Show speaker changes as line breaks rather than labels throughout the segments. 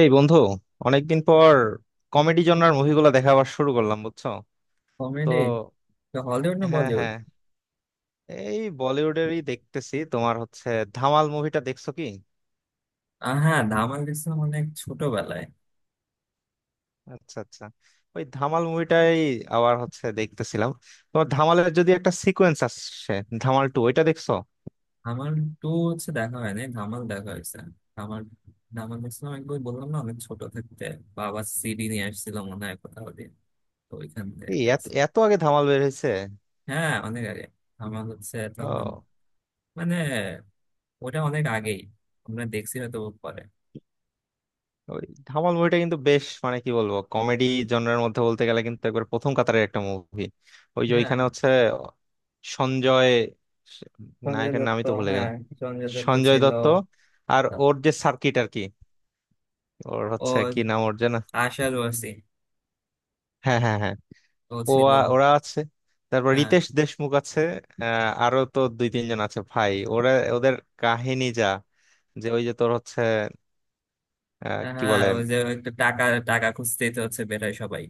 এই বন্ধু অনেকদিন পর কমেডি জনরার মুভিগুলো দেখা আবার শুরু করলাম বুঝছো? তো
কমেডি। হলিউড না
হ্যাঁ
বলিউড?
হ্যাঁ, এই বলিউডেরই দেখতেছি। তোমার হচ্ছে ধামাল মুভিটা দেখছো কি?
হ্যাঁ, ধামাল দেখছিলাম অনেক ছোটবেলায়।
আচ্ছা আচ্ছা, ওই ধামাল মুভিটাই আবার হচ্ছে দেখতেছিলাম। তোমার ধামালের যদি একটা সিকোয়েন্স আসছে ধামাল 2, ওইটা দেখছো?
ধামাল টু হচ্ছে দেখা হয়নি, ধামাল দেখা হয়েছে। ধামাল ধামাল দেখছিলাম একবার, বললাম না, অনেক ছোট থাকতে বাবা সিডি নিয়ে আসছিল মনে হয় কোথাও দিয়ে, তো ওইখান থেকে
এই এত
দেখছি।
এত আগে ধামাল বের হয়েছে?
হ্যাঁ অনেক আগে, ধামাল হচ্ছে তখন, মানে ওটা অনেক আগেই, আমরা দেখছি হয়তো পরে।
ওই ধামাল মুভিটা কিন্তু বেশ, মানে কি বলবো, কমেডি জনরের মধ্যে বলতে গেলে কিন্তু একবার প্রথম কাতারের একটা মুভি। ওই যে
হ্যাঁ,
ওইখানে হচ্ছে সঞ্জয়,
সঞ্জয়
নায়কের
দত্ত।
নামই তো ভুলে
হ্যাঁ,
গেলাম,
সঞ্জয় দত্ত
সঞ্জয়
ছিল।
দত্ত। আর ওর যে সার্কিট আর কি, ওর হচ্ছে
ও
কি নাম ওর যেন,
আশা রয়েছে,
হ্যাঁ হ্যাঁ হ্যাঁ।
ও
ও
ছিল।
ওরা আছে, তারপর
হ্যাঁ
রিতেশ দেশমুখ আছে। আরো তো দুই তিনজন আছে ভাই, ওরা ওদের কাহিনী যা, যে ওই যে তোর হচ্ছে, কি
হ্যাঁ,
বলে,
ওই যে একটু টাকা টাকা খুঁজতেই তো হচ্ছে বের হয় সবাই,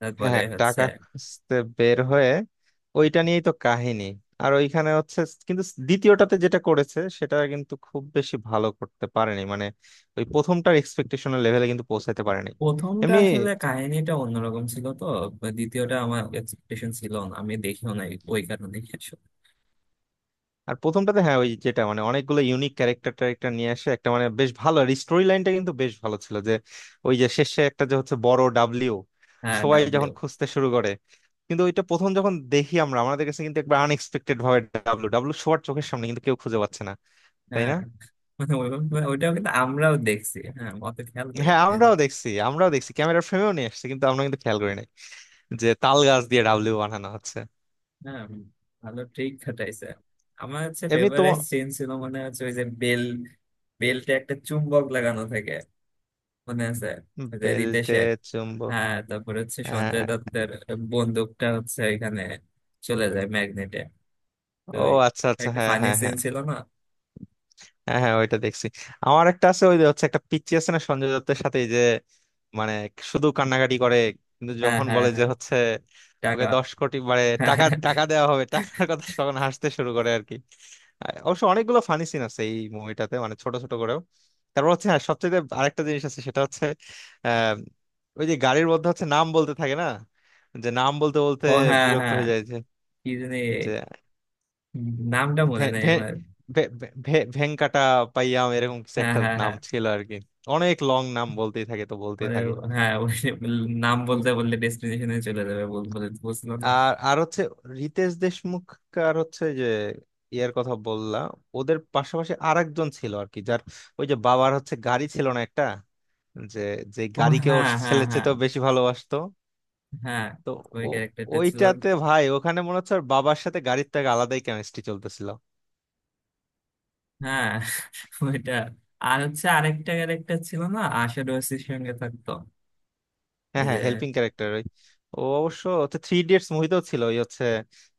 তারপরে
হ্যাঁ
হচ্ছে
টাকা খুঁজতে বের হয়ে ওইটা নিয়েই তো কাহিনী। আর ওইখানে হচ্ছে, কিন্তু দ্বিতীয়টাতে যেটা করেছে সেটা কিন্তু খুব বেশি ভালো করতে পারেনি, মানে ওই প্রথমটার এক্সপেকটেশনের লেভেলে কিন্তু পৌঁছাতে পারেনি।
প্রথমটা
এমনি
আসলে কাহিনীটা অন্যরকম ছিল তো। দ্বিতীয়টা আমার এক্সপেকটেশন ছিল না, আমি দেখিও নাই ওই কারণে আসলে।
আর প্রথমটাতে হ্যাঁ ওই যেটা মানে অনেকগুলো ইউনিক ক্যারেক্টার ট্যারেক্টার নিয়ে আসে, একটা মানে বেশ ভালো, আর স্টোরি লাইনটা কিন্তু বেশ ভালো ছিল, যে ওই যে শেষে একটা যে হচ্ছে বড় ডাব্লিউ
হ্যাঁ,
সবাই যখন
ডাবলিউ।
খুঁজতে শুরু করে, কিন্তু ওইটা প্রথম যখন দেখি আমরা আমাদের কাছে কিন্তু একবার আনএক্সপেক্টেড ভাবে ডাব্লু ডাব্লু সবার চোখের সামনে কিন্তু কেউ খুঁজে পাচ্ছে না, তাই
হ্যাঁ।
না?
মানে ওইটাও কিন্তু আমরাও দেখছি, হ্যাঁ অত খেয়াল করি
হ্যাঁ
নি। এই যে,
আমরাও দেখছি, আমরাও দেখছি ক্যামেরার ফ্রেমেও নিয়ে আসছে কিন্তু আমরা কিন্তু খেয়াল করি নাই যে তাল গাছ দিয়ে ডাবলু বানানো হচ্ছে।
হ্যাঁ ভালো ট্রিক খাটাইছে। আমার হচ্ছে
এমনি
ফেভারিট
তোমার
সিন ছিল, মানে হচ্ছে ওই যে বেল, বেলটা একটা চুম্বক লাগানো থাকে, মনে আছে ওই যে
বেল্টে
রিতেশের।
চুম্ব,
হ্যাঁ, তারপর হচ্ছে সঞ্জয়
হ্যাঁ,
দত্তের বন্দুকটা হচ্ছে এখানে চলে যায় ম্যাগনেটে। তো
ও,
ওই,
আচ্ছা আচ্ছা
একটা
হ্যাঁ
ফানি
হ্যাঁ
সিন
হ্যাঁ।
ছিল না?
হ্যাঁ হ্যাঁ ওইটা দেখছি। আমার একটা আছে, ওই যে হচ্ছে একটা পিচ্চি আছে না সঞ্জয় দত্তের সাথে, এই যে মানে শুধু কান্নাকাটি করে, কিন্তু
হ্যাঁ
যখন
হ্যাঁ
বলে
হ্যাঁ,
যে হচ্ছে ওকে
টাকা।
10 কোটি মানে টাকা, টাকা দেওয়া হবে, টাকার কথা তখন হাসতে শুরু করে আর কি। অবশ্য অনেকগুলো ফানি সিন আছে এই মুভিটাতে, মানে ছোট ছোট করেও। তারপর হচ্ছে হ্যাঁ সবচেয়ে আরেকটা জিনিস আছে, সেটা হচ্ছে আহ ওই যে গাড়ির মধ্যে হচ্ছে নাম বলতে থাকে না, যে নাম বলতে বলতে
ও হ্যাঁ
বিরক্ত
হ্যাঁ।
হয়ে যায়, যে
কি জানি,
যে
নামটা মনে
ভে-
নেই
ভে-
আমার।
ভে- ভে- ভে- ভেঙ্কাটা পাইয়াম এরকম কিছু
হ্যাঁ
একটা
হ্যাঁ
নাম
হ্যাঁ।
ছিল আর কি। অনেক লং নাম বলতেই থাকে, তো বলতেই
মানে
থাকে।
হ্যাঁ ওই, নাম বলতে বললে ডেস্টিনেশনে চলে যাবে, বলে বুঝলো না।
আর আর হচ্ছে রিতেশ দেশমুখ আর হচ্ছে যে ইয়ার কথা বললা, ওদের পাশাপাশি আর একজন ছিল আর কি, যার ওই যে বাবার হচ্ছে গাড়ি ছিল না একটা, যে যে
ও
গাড়িকে ওর
হ্যাঁ হ্যাঁ
ছেলে
হ্যাঁ।
চেয়েতেও বেশি ভালোবাসতো।
হ্যাঁ,
তো
ওই
ও,
ক্যারেক্টারটা ছিল।
ওইটাতে ভাই ওখানে মনে হচ্ছে ওর বাবার সাথে গাড়ির থেকে আলাদাই কেমিস্ট্রি চলতেছিল।
হ্যাঁ, ওইটা। আর হচ্ছে আরেকটা ক্যারেক্টার ছিল না, আশা ডোসির সঙ্গে থাকতো
হ্যাঁ
ওই
হ্যাঁ
যে।
হেল্পিং ক্যারেক্টার ওই, ও অবশ্য হচ্ছে থ্রি ইডিয়টস মুভিতেও ছিল ওই হচ্ছে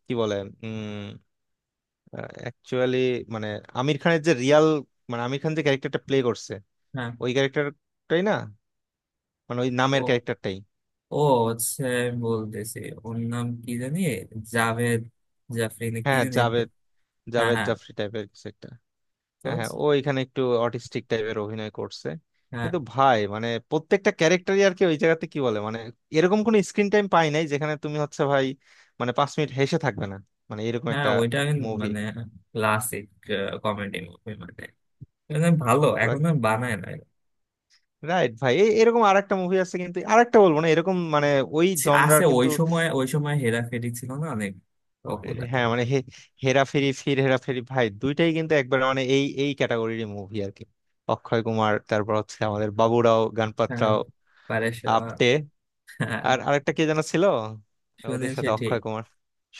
কি বলে, উম অ্যাকচুয়ালি মানে আমির খানের যে রিয়াল, মানে আমির খান যে ক্যারেক্টারটা প্লে করছে
হ্যাঁ।
ওই ক্যারেক্টারটাই না, মানে ওই
ও
নামের ক্যারেক্টারটাই।
ও হচ্ছে, আমি বলতেছি, ওর নাম কি জানি জাভেদ জাফরি না কি
হ্যাঁ হ্যাঁ,
জানি একটা।
জাভেদ,
হ্যাঁ
জাভেদ
হ্যাঁ।
জাফরি টাইপের কিছু একটা।
তো
হ্যাঁ হ্যাঁ ও এখানে একটু অটিস্টিক টাইপের অভিনয় করছে।
হ্যাঁ
কিন্তু ভাই মানে প্রত্যেকটা ক্যারেক্টারই আর কি ওই জায়গাতে কি বলে, মানে এরকম কোনো স্ক্রিন টাইম পাই নাই যেখানে তুমি হচ্ছে ভাই মানে 5 মিনিট হেসে থাকবে না, মানে এরকম
হ্যাঁ,
একটা
ওইটা আমি
মুভি।
মানে ক্লাসিক কমেডি মুভি, মানে মানে ভালো এখন আর বানায় না।
রাইট ভাই এরকম আরেকটা মুভি আছে, কিন্তু আরেকটা বলবো না, এরকম মানে ওই
আছে,
জনরার
ওই
কিন্তু।
সময় ওই সময় হেরাফেরি ছিল না, অনেক
আহ,
পপুলার।
হ্যাঁ মানে হেরাফেরি ফির হেরাফেরি ভাই দুইটাই কিন্তু একবার মানে এই এই ক্যাটাগরির মুভি আর কি। অক্ষয় কুমার, তারপর হচ্ছে আমাদের বাবুরাও গণপত
হ্যাঁ,
রাও
পারেশ রাওয়াল,
আপটে,
হ্যাঁ,
আর আরেকটা কে যেন ছিল, ওদের
সুনীল
সাথে
শেঠি।
অক্ষয় কুমার,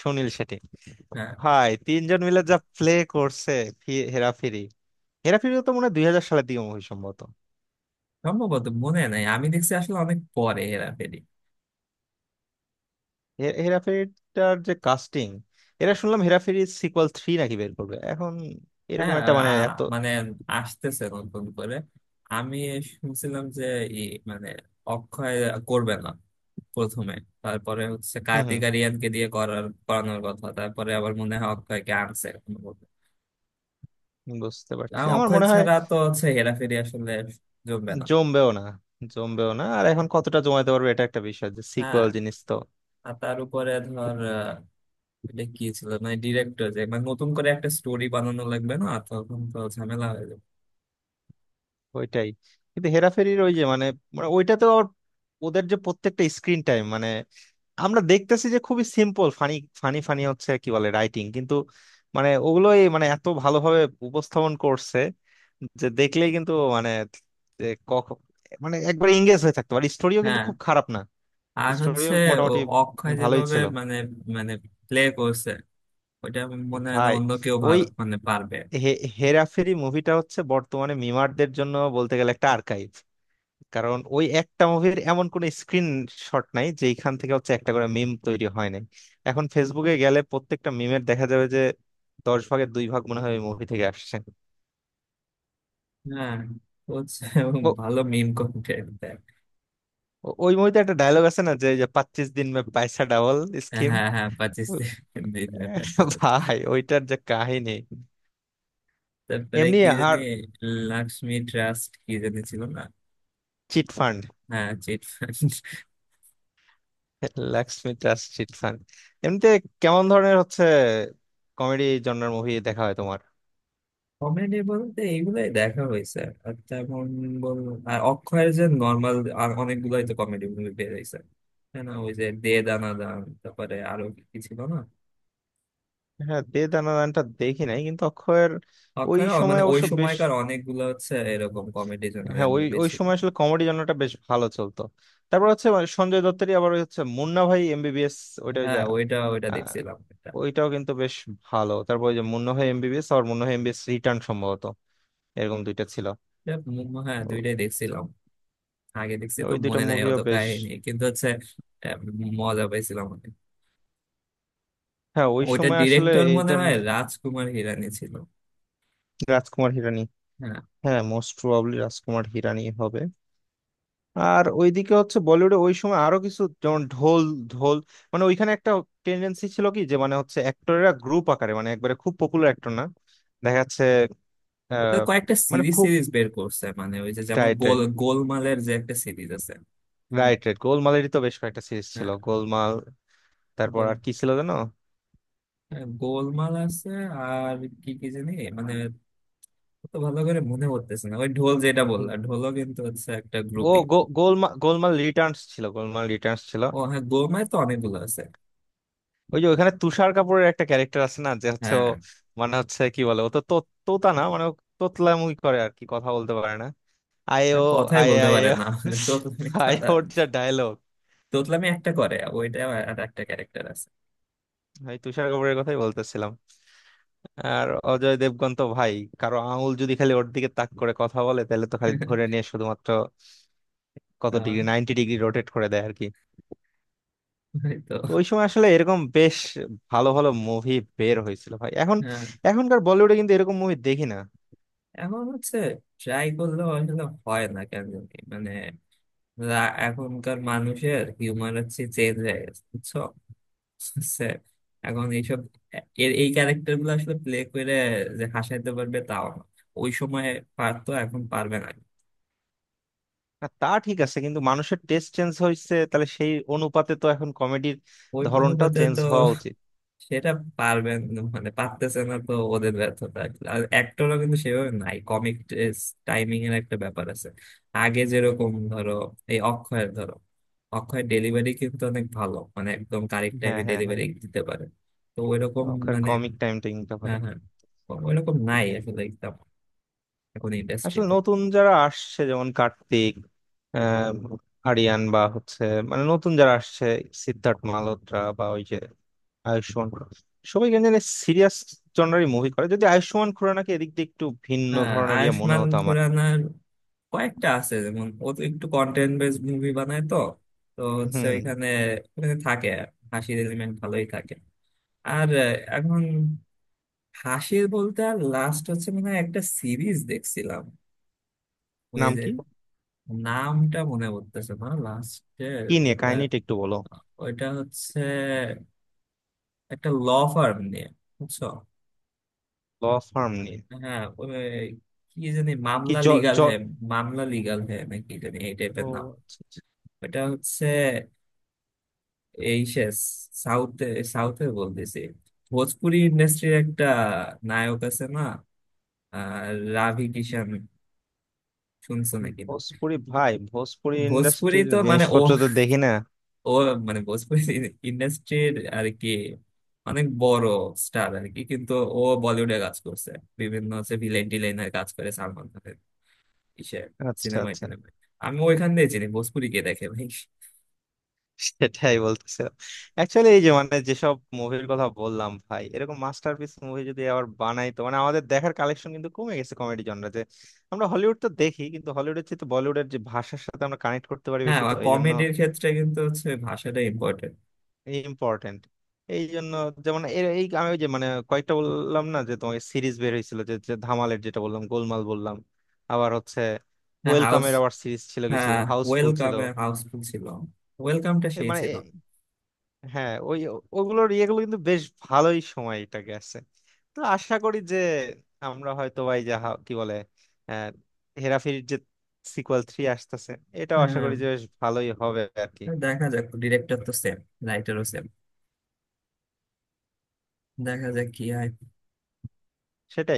সুনীল শেঠি,
হ্যাঁ
ভাই তিনজন মিলে যা প্লে করছে হেরাফেরি। হেরাফেরি তো মনে হয় 2000 সালের দিকে মুভি সম্ভবত।
সম্ভবত মনে নাই, আমি দেখছি আসলে অনেক পরে হেরাফেরি।
হেরাফেরিটার যে কাস্টিং, এরা শুনলাম হেরাফেরি সিকুয়াল 3 নাকি বের করবে এখন, এরকম
হ্যাঁ
একটা
আ-
মানে এত।
মানে আসতেছে নতুন করে। আমি শুনছিলাম যে ই মানে অক্ষয় করবে না প্রথমে, তারপরে হচ্ছে
হুম
কার্তিক
হুম,
আরিয়ানকে দিয়ে করার করানোর কথা, তারপরে আবার মনে হয় অক্ষয়কে আনছে কোনো মতে।
বুঝতে পারছি আমার
অক্ষয়
মনে হয়
ছাড়া তো হচ্ছে হেরাফেরি আসলে জমবে না।
জমবেও না। জমবেও না আর এখন কতটা জমাইতে পারবে এটা একটা বিষয়, যে
হ্যাঁ,
সিকুয়াল জিনিস তো।
আর তার উপরে ধর এটা কি ছিল মানে, ডিরেক্টর যে মানে নতুন করে একটা স্টোরি বানানো লাগবে না, তখন তো ঝামেলা হয়ে যাবে।
ওইটাই, কিন্তু হেরাফেরির ওই যে মানে, মানে ওইটাতেও আবার ওদের যে প্রত্যেকটা স্ক্রিন টাইম, মানে আমরা দেখতেছি যে খুবই সিম্পল ফানি, ফানি ফানি হচ্ছে কি বলে রাইটিং, কিন্তু মানে ওগুলোই মানে এত ভালোভাবে উপস্থাপন করছে, যে দেখলেই কিন্তু মানে যে কখ- মানে একবার এঙ্গেজ হয়ে থাকতে পারে, স্টোরিও কিন্তু
হ্যাঁ,
খুব খারাপ না,
আর
স্টোরিও
হচ্ছে ও,
মোটামুটি
অক্ষয়
ভালোই
যেভাবে
ছিল।
মানে মানে প্লে করছে ওটা, মনে হয় না
ভাই
অন্য কেউ
ওই
ভালো মানে পারবে।
হেরাফেরি মুভিটা হচ্ছে বর্তমানে মিমারদের জন্য বলতে গেলে একটা আর্কাইভ, কারণ ওই একটা মুভির এমন কোন স্ক্রিন শট নাই যেখান থেকে হচ্ছে একটা করে মিম তৈরি হয় নাই। এখন ফেসবুকে গেলে প্রত্যেকটা মিমের দেখা যাবে যে 10 ভাগের 2 ভাগ মনে হয় ওই মুভি থেকে আসছে।
হ্যাঁ, ও হচ্ছে ও
ও,
ভালো মিম কন্টেন্ট দেয়।
ওই মুভিতে একটা ডায়লগ আছে না যে যে 25 দিন মে পয়সা ডাবল
হ্যাঁ
স্কিম।
হ্যাঁ, পাকিস্তান।
ভাই ওইটার যে কাহিনী,
তারপরে
এমনি।
কি জানি,
আর
লক্ষ্মী ট্রাস্ট কি জানি ছিল না।
চিট ফান্ড,
হ্যাঁ, chit fund.
Laxmi trust chit fund. এমনিতে কেমন ধরনের হচ্ছে কমেডি জনরার মুভি দেখা হয় তোমার?
কমেডি বলতে এইগুলাই দেখা হয়েছে, আর তেমন, বল, আর অক্ষয়ের যে নর্মাল, আর অনেকগুলাই তো কমেডি মুভি বের হয়েছে, তাই না? ওই যে দে দানা দান, তারপরে আরো কি ছিল না?
হ্যাঁ দে দানাদানটা দেখি নাই, কিন্তু অক্ষয়ের ওই
অক্ষয় রাও,
সময়
মানে ওই
অবশ্য বেশ,
সময়কার অনেকগুলো হচ্ছে এরকম কমেডি জোনারের
হ্যাঁ ওই
মুভি
ওই
ছিল।
সময় আসলে কমেডি জনরাটা বেশ ভালো চলতো। তারপর হচ্ছে মানে সঞ্জয় দত্তেরই আবার ওই হচ্ছে মুন্না ভাই এমবিবিএস, ওইটা ওই যে,
হ্যাঁ, ওইটা ওইটা
আহ,
দেখছিলাম এটা।
ওইটাও কিন্তু বেশ ভালো। তারপর ওই যে মুন্না ভাই এমবিবিএস আর মুন্না ভাই এমবিবিএস রিটার্ন সম্ভবত, এরকম দুইটা ছিল।
এটা হ্যাঁ,
ও-
দুইটাই দেখছিলাম, আগে দেখছি তো
ওই দুইটা
মনে নাই
মুভিও
অত
বেশ,
কাহিনী কিন্তু হচ্ছে। আহ, মজা পাইছিলাম অনেক।
হ্যাঁ ওই
ওইটার
সময় আসলে
ডিরেক্টর
এই
মনে হয়
ধরনের।
রাজকুমার হিরানি ছিল।
রাজকুমার হিরানি,
হ্যাঁ।
হ্যাঁ মোস্ট প্রবাবলি রাজকুমার হিরানি হবে। আর ওইদিকে হচ্ছে বলিউডে ওই সময় আরো কিছু যেমন ঢোল, ঢোল মানে ওইখানে একটা টেন্ডেন্সি ছিল কি যে মানে হচ্ছে অ্যাক্টরেরা গ্রুপ আকারে মানে একবারে খুব পপুলার অ্যাক্টর না, দেখা যাচ্ছে
ওদের
আহ,
কয়েকটা
মানে
সিরিজ
খুব,
সিরিজ বের করছে, মানে ওই যে যেমন
রাইট রাইট,
গোলমালের যে একটা সিরিজ আছে। হুম,
রাইট রাইট গোলমালেরই তো বেশ কয়েকটা সিরিজ ছিল
হ্যাঁ
গোলমাল, তারপর
গোল।
আর কি ছিল জানো?
হ্যাঁ, গোলমাল আছে, আর কি কি জানি, মানে, তো ভালো করে মনে পড়তেছে না, ওই ঢোল যেটা বললা,
উম,
ঢোলও কিন্তু হচ্ছে একটা
ও
গ্রুপই।
গোলমাল, গোলমাল রিটার্নস ছিল, গোলমাল রিটার্নস ছিল।
ও হ্যাঁ, গোমায় তো অনেকগুলো আছে।
ওই যে ওখানে তুষার কাপুরের একটা ক্যারেক্টার আছে না, যে হচ্ছে ও
হ্যাঁ।
মানে হচ্ছে কি বলে, ও তো তো- তোতা না মানে ও তোতলামি করে আর কি, কথা বলতে পারে না। আয় ও,
হ্যাঁ, কথাই
আয়
বলতে
আয়
পারে
ও।
না, মানে তোতলামি
ভাই
তারা,
ওর যা ডায়লগ!
তোতলামি একটা করে ওইটা। আর একটা ক্যারেক্টার আছে।
ভাই তুষার কাপুরের কথাই বলতেছিলাম। আর অজয় দেবগন তো ভাই, কারো আঙুল যদি খালি ওর দিকে তাক করে কথা বলে, তাহলে তো খালি ধরে নিয়ে শুধুমাত্র কত
আহ,
ডিগ্রি, 90 ডিগ্রি রোটেট করে দেয় আর কি।
এই তো।
তো ওই সময় আসলে এরকম বেশ ভালো ভালো মুভি বের হয়েছিল ভাই। এখন
হ্যাঁ
এখনকার বলিউডে কিন্তু এরকম মুভি দেখি না।
এখন হচ্ছে ট্রাই করলেও আসলে হয় না কেন জানি। মানে, এখনকার মানুষের হিউমার হচ্ছে চেঞ্জ হয়ে গেছে বুঝছো? বুঝছে? এখন এইসব এই ক্যারেক্টার গুলো আসলে প্লে করে যে হাসাইতে পারবে তাও না। ওই সময় পারতো, এখন পারবে না।
না, তা ঠিক আছে, কিন্তু মানুষের টেস্ট চেঞ্জ হয়েছে, তাহলে সেই অনুপাতে তো এখন কমেডির
ওই
ধরনটাও
অনুপাতে
চেঞ্জ
তো
হওয়া উচিত।
সেটা পারবেন, মানে পারতেছে না, তো ওদের ব্যর্থতা। আর অ্যাক্টরও কিন্তু সেভাবে নাই, কমিক টাইমিং এর একটা ব্যাপার আছে। আগে যেরকম ধরো, এই অক্ষয়ের ধরো, অক্ষয়ের ডেলিভারি কিন্তু অনেক ভালো, মানে একদম কারেক্ট
হ্যাঁ
টাইমে
হ্যাঁ হ্যাঁ,
ডেলিভারি দিতে পারে। তো ওইরকম,
ওখানে
মানে,
কমিক টাইমটা কিন্তু ভালো।
হ্যাঁ হ্যাঁ, ওইরকম নাই আসলে একদম এখন
আসলে
ইন্ডাস্ট্রিতে।
নতুন যারা আসছে যেমন কার্তিক, আহ, আরিয়ান বা হচ্ছে মানে নতুন যারা আসছে, সিদ্ধার্থ মালহোত্রা বা ওই যে আয়ুষ্মান খুরানা, সবাই কেন জানি সিরিয়াস জনারই মুভি করে, যদি আয়ুষ্মান খুরানাকে এদিক দিয়ে একটু ভিন্ন
হ্যাঁ
ধরনের ইয়ে মনে
আয়ুষ্মান
হতো আমার।
খুরানার কয়েকটা আছে যেমন, ও তো একটু কন্টেন্ট বেস মুভি বানায় তো, তো
হম
হচ্ছে
হম।
এখানে ওখানে থাকে হাসির এলিমেন্ট ভালোই থাকে। আর এখন হাসির বলতে আর লাস্ট হচ্ছে মনে হয় একটা সিরিজ দেখছিলাম, ওই
নাম
যে,
কি?
নামটা মনে পড়তেছে না লাস্টের।
কি নিয়ে
ওটা
কাহিনীটা একটু বলো।
ওইটা হচ্ছে একটা ল ফার্ম নিয়ে, বুঝছো?
ল ফার্ম নিয়ে।
হ্যাঁ ওই কি জানি,
কি
মামলা
জ
লিগাল
জ
হ্যাঁ, মামলা লিগাল হ্যাঁ নাকি জানি এই টাইপের
ও,
নাম।
আচ্ছা, আচ্ছা।
এটা হচ্ছে এই সে সাউথে, সাউথে বলতেছি ভোজপুরি ইন্ডাস্ট্রির একটা নায়ক আছে না, আহ, রাভি কিষান, শুনছো নাকি?
ভোজপুরি, ভাই ভোজপুরি
ভোজপুরি
ইন্ডাস্ট্রির
তো মানে ও
জিনিসপত্র তো দেখি না।
ও মানে ভোজপুরি ইন্ডাস্ট্রির আর কি, অনেক বড় স্টার আর কি, কিন্তু ও বলিউডে কাজ করছে, বিভিন্ন হচ্ছে ভিলেন টিলেনের কাজ করে, সালমান খানের ইসে
আচ্ছা
সিনেমায়
আচ্ছা
টিনেমায়। আমি ওইখান দিয়ে চিনি, ভোজপুরি কে দেখে ভাই।
সেটাই বলতেছিলাম। অ্যাকচুয়ালি এই যে মানে যেসব মুভির কথা বললাম ভাই, এরকম মাস্টারপিস মুভি যদি আবার বানাই, তো মানে আমাদের দেখার কালেকশন কিন্তু কমে গেছে কমেডি জনরাতে। আমরা হলিউড তো দেখি, কিন্তু হলিউডের চেয়ে তো বলিউডের যে ভাষার সাথে আমরা কানেক্ট করতে পারি
হ্যাঁ,
বেশি তো
আর
এই জন্য
কমেডির ক্ষেত্রে কিন্তু হচ্ছে ভাষাটা ইম্পর্টেন্ট।
ইম্পর্টেন্ট এই জন্য। যেমন এই আমি ওই যে মানে কয়েকটা বললাম না যে তোমাকে সিরিজ বের হয়েছিল, যে যে ধামালের যেটা বললাম, গোলমাল বললাম, আবার হচ্ছে
হ্যাঁ হাউস।
ওয়েলকামের আবার সিরিজ ছিল, কিছু
হ্যাঁ,
হাউসফুল ছিল,
ওয়েলকামে হাউসফুল ছিল, ওয়েলকামটা
এ
সেই
মানে,
ছিল।
হ্যাঁ ওই ওগুলোর ইয়েগুলো কিন্তু বেশ ভালোই সময়টা গেছে। তো আশা করি যে আমরা হয়তো ভাই যা কি বলে, আহ, হেরাফেরির যে সিকুয়েল 3 আসতেছে, এটাও আশা
হ্যাঁ
করি যে বেশ ভালোই হবে আর কি।
দেখা যাক, ডিরেক্টর তো সেম, রাইটারও সেম, দেখা যাক কি হয়।
সেটাই।